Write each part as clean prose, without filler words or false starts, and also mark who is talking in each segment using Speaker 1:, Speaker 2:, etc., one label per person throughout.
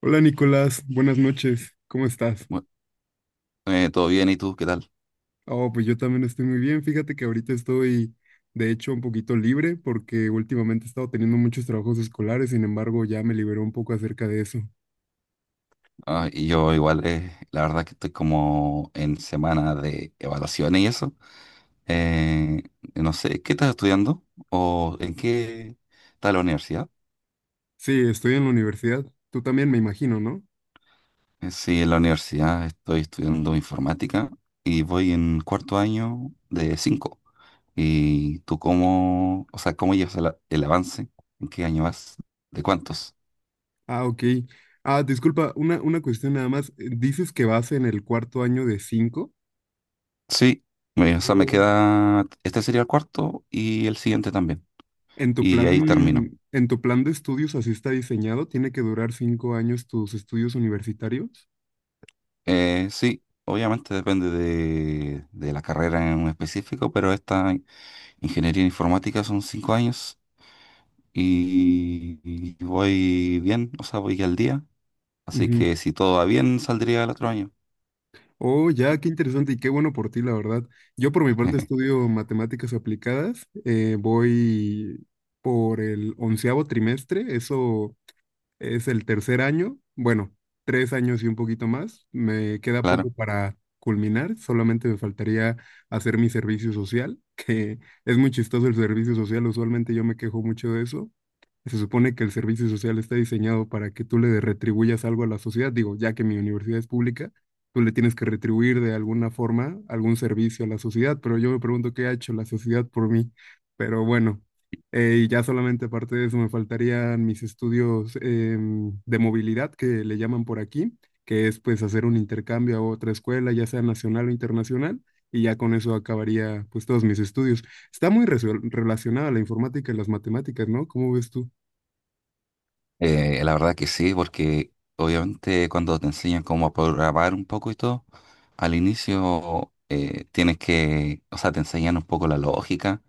Speaker 1: Hola Nicolás, buenas noches, ¿cómo estás?
Speaker 2: Bu- Todo bien, ¿y tú qué tal?
Speaker 1: Oh, pues yo también estoy muy bien, fíjate que ahorita estoy de hecho un poquito libre porque últimamente he estado teniendo muchos trabajos escolares, sin embargo ya me liberó un poco acerca de eso.
Speaker 2: Ah, y yo igual, la verdad que estoy como en semana de evaluaciones y eso. Eh, no sé, ¿qué estás estudiando? ¿O en qué está la universidad?
Speaker 1: Sí, estoy en la universidad, tú también me imagino, ¿no?
Speaker 2: Sí, en la universidad estoy estudiando informática y voy en cuarto año de cinco. ¿Y tú cómo, o sea, cómo llevas el avance? ¿En qué año vas? ¿De cuántos?
Speaker 1: Ah, ok. Ah, disculpa, una cuestión nada más, dices que vas en el cuarto año de cinco.
Speaker 2: Sí, o sea, me
Speaker 1: Mm.
Speaker 2: queda, este sería el cuarto y el siguiente también.
Speaker 1: ¿en tu
Speaker 2: Y ahí termino.
Speaker 1: plan, en tu plan de estudios así está diseñado? ¿Tiene que durar 5 años tus estudios universitarios?
Speaker 2: Sí, obviamente depende de la carrera en específico, pero esta ingeniería en informática son cinco años y voy bien, o sea, voy al día. Así
Speaker 1: Ujú.
Speaker 2: que si todo va bien, saldría el otro año.
Speaker 1: Oh, ya, qué interesante y qué bueno por ti, la verdad. Yo por mi parte estudio matemáticas aplicadas, voy por el onceavo trimestre, eso es el tercer año, bueno, 3 años y un poquito más. Me queda
Speaker 2: Claro.
Speaker 1: poco para culminar, solamente me faltaría hacer mi servicio social, que es muy chistoso el servicio social, usualmente yo me quejo mucho de eso. Se supone que el servicio social está diseñado para que tú le retribuyas algo a la sociedad, digo, ya que mi universidad es pública, tú le tienes que retribuir de alguna forma algún servicio a la sociedad, pero yo me pregunto qué ha hecho la sociedad por mí, pero bueno. Y ya solamente aparte de eso me faltarían mis estudios de movilidad, que le llaman por aquí, que es pues hacer un intercambio a otra escuela, ya sea nacional o internacional, y ya con eso acabaría pues todos mis estudios. Está muy relacionada la informática y las matemáticas, ¿no? ¿Cómo ves tú?
Speaker 2: La verdad que sí, porque obviamente cuando te enseñan cómo programar un poco y todo, al inicio tienes que, o sea, te enseñan un poco la lógica,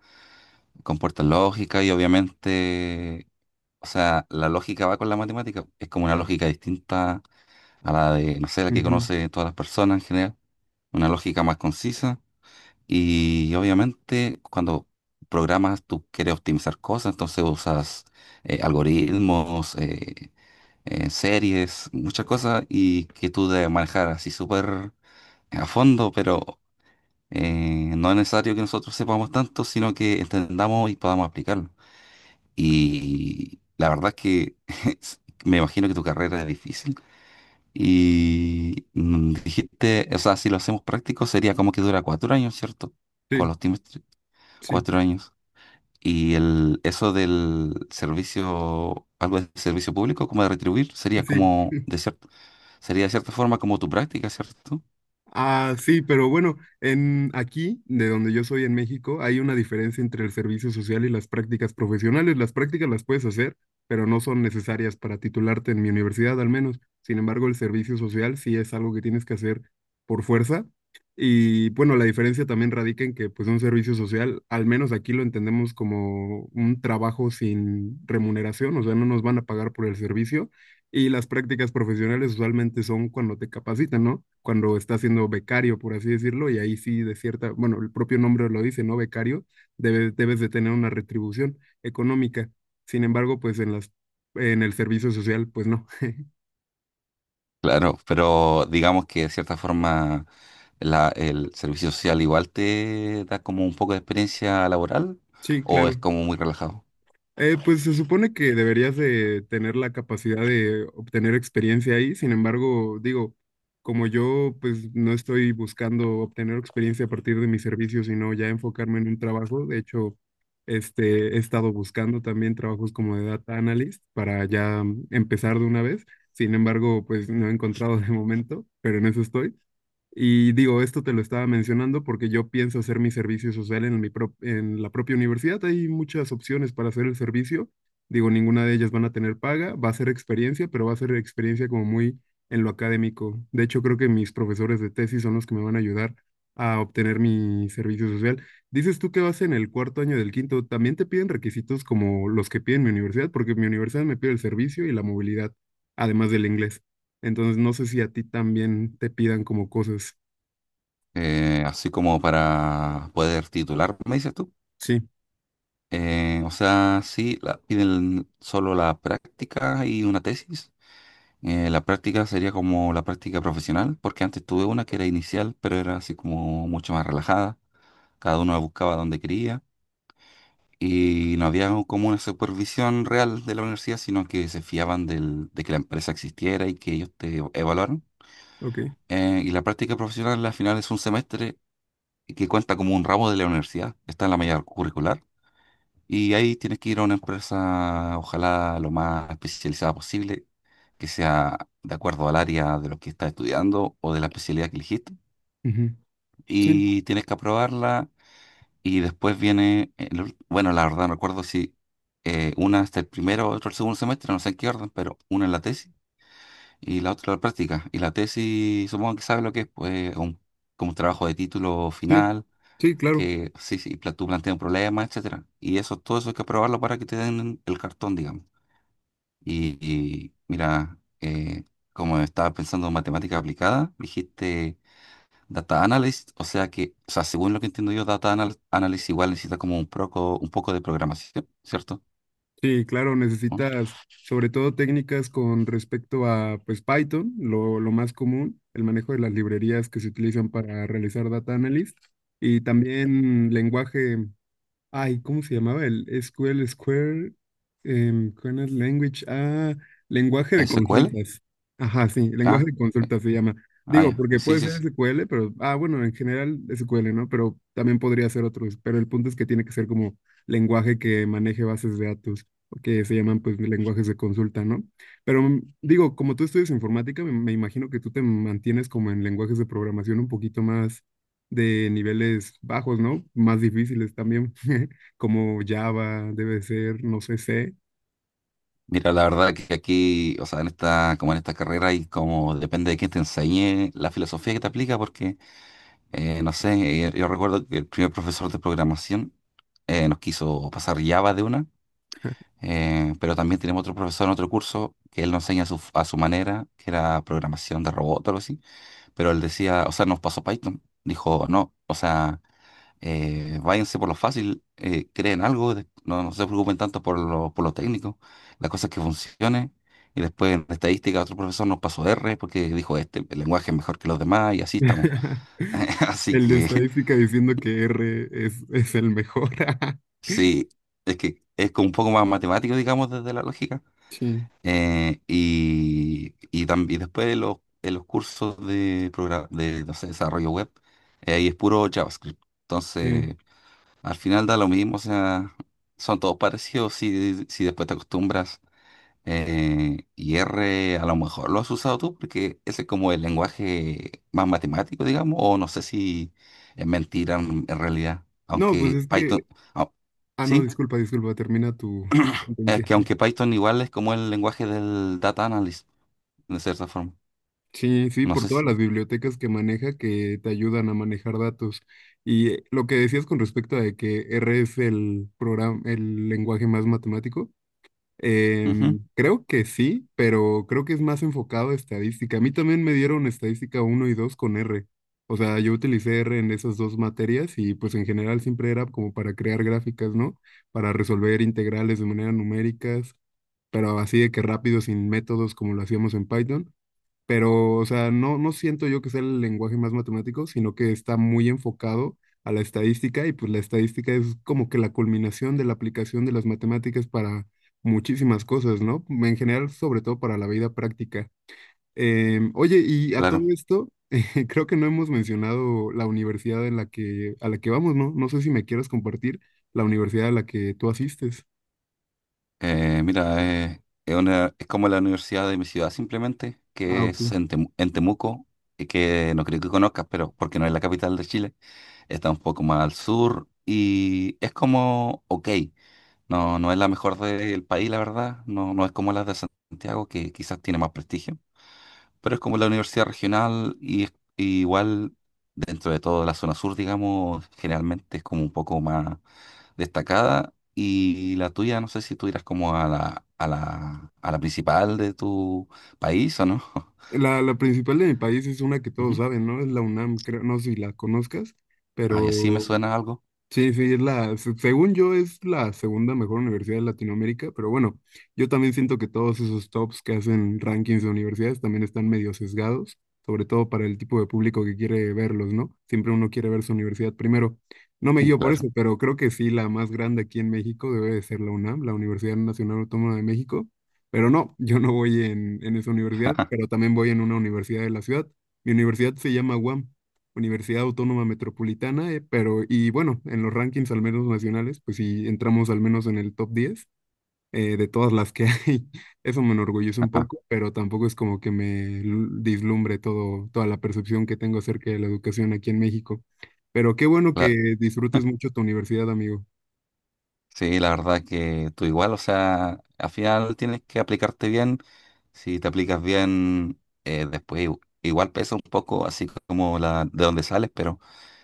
Speaker 2: comporta lógica y obviamente, o sea, la lógica va con la matemática, es como una lógica distinta a la de, no sé, la que
Speaker 1: Ujú.
Speaker 2: conoce todas las personas en general, una lógica más concisa y obviamente cuando programas tú quieres optimizar cosas, entonces usas algoritmos, series, muchas cosas y que tú debes manejar así súper a fondo, pero no es necesario que nosotros sepamos tanto, sino que entendamos y podamos aplicarlo. Y la verdad es que me imagino que tu carrera es difícil. Y dijiste, o sea, si lo hacemos práctico sería como que dura cuatro años, ¿cierto? Con
Speaker 1: Sí,
Speaker 2: los trimestres,
Speaker 1: sí,
Speaker 2: cuatro años. Y el, eso del servicio, algo de servicio público, como de retribuir, sería
Speaker 1: sí.
Speaker 2: como, sería de cierta forma como tu práctica, ¿cierto?
Speaker 1: Ah, sí, pero bueno, en aquí, de donde yo soy en México, hay una diferencia entre el servicio social y las prácticas profesionales. Las prácticas las puedes hacer, pero no son necesarias para titularte en mi universidad, al menos. Sin embargo, el servicio social sí es algo que tienes que hacer por fuerza. Y bueno, la diferencia también radica en que, pues, un servicio social, al menos aquí lo entendemos como un trabajo sin remuneración, o sea, no nos van a pagar por el servicio y las prácticas profesionales usualmente son cuando te capacitan, ¿no? Cuando estás siendo becario, por así decirlo, y ahí sí de cierta, bueno, el propio nombre lo dice, ¿no? Becario, debes de tener una retribución económica. Sin embargo, pues en el servicio social, pues no.
Speaker 2: Claro, pero digamos que de cierta forma el servicio social igual te da como un poco de experiencia laboral
Speaker 1: Sí,
Speaker 2: o es
Speaker 1: claro.
Speaker 2: como muy relajado.
Speaker 1: Pues se supone que deberías de tener la capacidad de obtener experiencia ahí, sin embargo, digo, como yo pues no estoy buscando obtener experiencia a partir de mi servicio, sino ya enfocarme en un trabajo, de hecho, este, he estado buscando también trabajos como de data analyst para ya empezar de una vez, sin embargo, pues no he encontrado de momento, pero en eso estoy. Y digo, esto te lo estaba mencionando porque yo pienso hacer mi servicio social en la propia universidad. Hay muchas opciones para hacer el servicio. Digo, ninguna de ellas van a tener paga, va a ser experiencia, pero va a ser experiencia como muy en lo académico. De hecho, creo que mis profesores de tesis son los que me van a ayudar a obtener mi servicio social. Dices tú que vas en el cuarto año del quinto, ¿también te piden requisitos como los que piden mi universidad? Porque mi universidad me pide el servicio y la movilidad, además del inglés. Entonces, no sé si a ti también te pidan como cosas.
Speaker 2: Así como para poder titular, me dices tú.
Speaker 1: Sí,
Speaker 2: O sea, sí, piden solo la práctica y una tesis. La práctica sería como la práctica profesional, porque antes tuve una que era inicial, pero era así como mucho más relajada. Cada uno la buscaba donde quería, y no había como una supervisión real de la universidad, sino que se fiaban de que la empresa existiera y que ellos te evaluaran.
Speaker 1: ok.
Speaker 2: Y la práctica profesional al final es un semestre que cuenta como un ramo de la universidad, está en la malla curricular. Y ahí tienes que ir a una empresa, ojalá lo más especializada posible, que sea de acuerdo al área de lo que estás estudiando o de la especialidad que elegiste.
Speaker 1: Ujú. Sí,
Speaker 2: Y tienes que aprobarla. Y después viene, bueno, la verdad no recuerdo si una hasta el primero o otro el segundo semestre, no sé en qué orden, pero una en la tesis y la otra en la práctica. Y la tesis, supongo que sabe lo que es, pues un, como un trabajo de título
Speaker 1: sí,
Speaker 2: final,
Speaker 1: sí, claro.
Speaker 2: que sí, sí, tú planteas un problema, etcétera. Y eso, todo eso hay que aprobarlo para que te den el cartón, digamos. Y mira, como estaba pensando en matemática aplicada, dijiste Data Analyst, o sea, según lo que entiendo yo, Analyst igual necesita como un poco de programación, ¿cierto?
Speaker 1: Sí, claro,
Speaker 2: ¿Mm?
Speaker 1: necesitas sobre todo técnicas con respecto a pues Python, lo más común, el manejo de las librerías que se utilizan para realizar data analysis y también lenguaje. Ay, ¿cómo se llamaba el SQL Square? ¿Cuál es? Language. Ah, lenguaje de
Speaker 2: ¿SQL?
Speaker 1: consultas. Ajá, sí, lenguaje
Speaker 2: Ah,
Speaker 1: de
Speaker 2: eh,
Speaker 1: consultas se llama. Digo,
Speaker 2: ya.
Speaker 1: porque
Speaker 2: Sí,
Speaker 1: puede
Speaker 2: sí,
Speaker 1: ser
Speaker 2: sí.
Speaker 1: SQL, pero, ah, bueno, en general SQL, ¿no? Pero también podría ser otros. Pero el punto es que tiene que ser como lenguaje que maneje bases de datos, que se llaman pues lenguajes de consulta, ¿no? Pero digo, como tú estudias informática, me imagino que tú te mantienes como en lenguajes de programación un poquito más de niveles bajos, ¿no? Más difíciles también, como Java debe ser, no sé, C.
Speaker 2: Mira, la verdad que aquí, o sea, en esta, como en esta carrera y como depende de quién te enseñe la filosofía que te aplica, porque, no sé, yo recuerdo que el primer profesor de programación nos quiso pasar Java de una, pero también tenemos otro profesor en otro curso que él nos enseña a su manera, que era programación de robot o algo así. Pero él decía, o sea, nos pasó Python. Dijo, no, o sea, váyanse por lo fácil, creen algo, no, no se preocupen tanto por lo técnico, la cosa es que funcione. Y después en estadística otro profesor nos pasó R porque dijo, este, el lenguaje es mejor que los demás y así estamos. Así
Speaker 1: El de
Speaker 2: que
Speaker 1: estadística diciendo que R es el mejor.
Speaker 2: sí, es que es como un poco más matemático, digamos, desde la lógica.
Speaker 1: Sí,
Speaker 2: Y después en los cursos de, de no sé, desarrollo web, ahí es puro JavaScript.
Speaker 1: sí.
Speaker 2: Entonces, al final da lo mismo, o sea, son todos parecidos si, si después te acostumbras. Y R a lo mejor lo has usado tú porque ese es como el lenguaje más matemático, digamos, o no sé si es mentira en realidad,
Speaker 1: No, pues
Speaker 2: aunque
Speaker 1: es que...
Speaker 2: Python, ah,
Speaker 1: Ah, no,
Speaker 2: sí,
Speaker 1: disculpa, disculpa, termina tu
Speaker 2: es
Speaker 1: sentencia.
Speaker 2: que aunque Python igual es como el lenguaje del data analyst, de cierta forma.
Speaker 1: Sí, sí,
Speaker 2: No
Speaker 1: por
Speaker 2: sé
Speaker 1: todas
Speaker 2: si.
Speaker 1: las bibliotecas que maneja que te ayudan a manejar datos. Y lo que decías con respecto a de que R es el programa, el lenguaje más matemático.
Speaker 2: Ujú,
Speaker 1: Creo que sí, pero creo que es más enfocado a estadística. A mí también me dieron estadística uno y 2 con R. O sea, yo utilicé R en esas dos materias y pues en general siempre era como para crear gráficas, ¿no? Para resolver integrales de manera numéricas, pero así de que rápido, sin métodos como lo hacíamos en Python, pero, o sea, no, no siento yo que sea el lenguaje más matemático, sino que está muy enfocado a la estadística y pues la estadística es como que la culminación de la aplicación de las matemáticas para muchísimas cosas, ¿no? En general, sobre todo para la vida práctica. Oye, y a todo
Speaker 2: claro.
Speaker 1: esto, creo que no hemos mencionado la universidad a la que vamos, ¿no? No sé si me quieras compartir la universidad a la que tú asistes.
Speaker 2: Mira, es, es como la universidad de mi ciudad, simplemente,
Speaker 1: Ah,
Speaker 2: que
Speaker 1: ok.
Speaker 2: es en, en Temuco, y que no creo que conozcas, pero porque no es la capital de Chile, está un poco más al sur y es como, ok, no, no es la mejor del país, la verdad, no, no es como la de Santiago, que quizás tiene más prestigio, pero es como la universidad regional y, y igual dentro de toda la zona sur, digamos, generalmente es como un poco más destacada. Y la tuya, no sé si tú irás como a la, a la, a la principal de tu país o no.
Speaker 1: La principal de mi país es una que todos
Speaker 2: Ujú.
Speaker 1: saben, ¿no? Es la UNAM, creo, no sé si la conozcas,
Speaker 2: Ay, así me
Speaker 1: pero
Speaker 2: suena algo.
Speaker 1: sí, sí, es la, según yo es la segunda mejor universidad de Latinoamérica, pero bueno, yo también siento que todos esos tops que hacen rankings de universidades también están medio sesgados, sobre todo para el tipo de público que quiere verlos, ¿no? Siempre uno quiere ver su universidad primero. No me
Speaker 2: Mm,
Speaker 1: guío por eso,
Speaker 2: claro.
Speaker 1: pero creo que sí, la más grande aquí en México debe de ser la UNAM, la Universidad Nacional Autónoma de México, pero no, yo no voy en esa universidad, pero también voy en una universidad de la ciudad. Mi universidad se llama UAM. Universidad Autónoma Metropolitana, pero y bueno, en los rankings al menos nacionales, pues sí entramos al menos en el top 10 de todas las que hay. Eso me enorgullece un
Speaker 2: Ajá.
Speaker 1: poco, pero tampoco es como que dislumbre todo, toda la percepción que tengo acerca de la educación aquí en México. Pero qué bueno
Speaker 2: La-
Speaker 1: que disfrutes mucho tu universidad, amigo.
Speaker 2: sí, la verdad que tú igual, o sea, al final tienes que aplicarte bien. Si te aplicas bien, después igual pesa un poco, así como la de donde sales, pero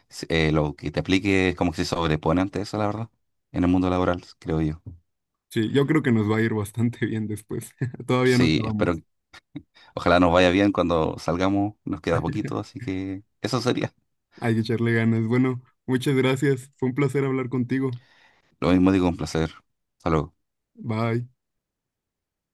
Speaker 2: lo que te aplique es como que se sobrepone ante eso, la verdad, en el mundo laboral, creo yo.
Speaker 1: Sí, yo creo que nos va a ir bastante bien después. Todavía no
Speaker 2: Sí, espero.
Speaker 1: acabamos.
Speaker 2: Ojalá nos vaya bien cuando salgamos, nos queda poquito, así que eso sería.
Speaker 1: Hay que echarle ganas. Bueno, muchas gracias. Fue un placer hablar contigo.
Speaker 2: Lo mismo digo, un placer. Hasta luego.
Speaker 1: Bye.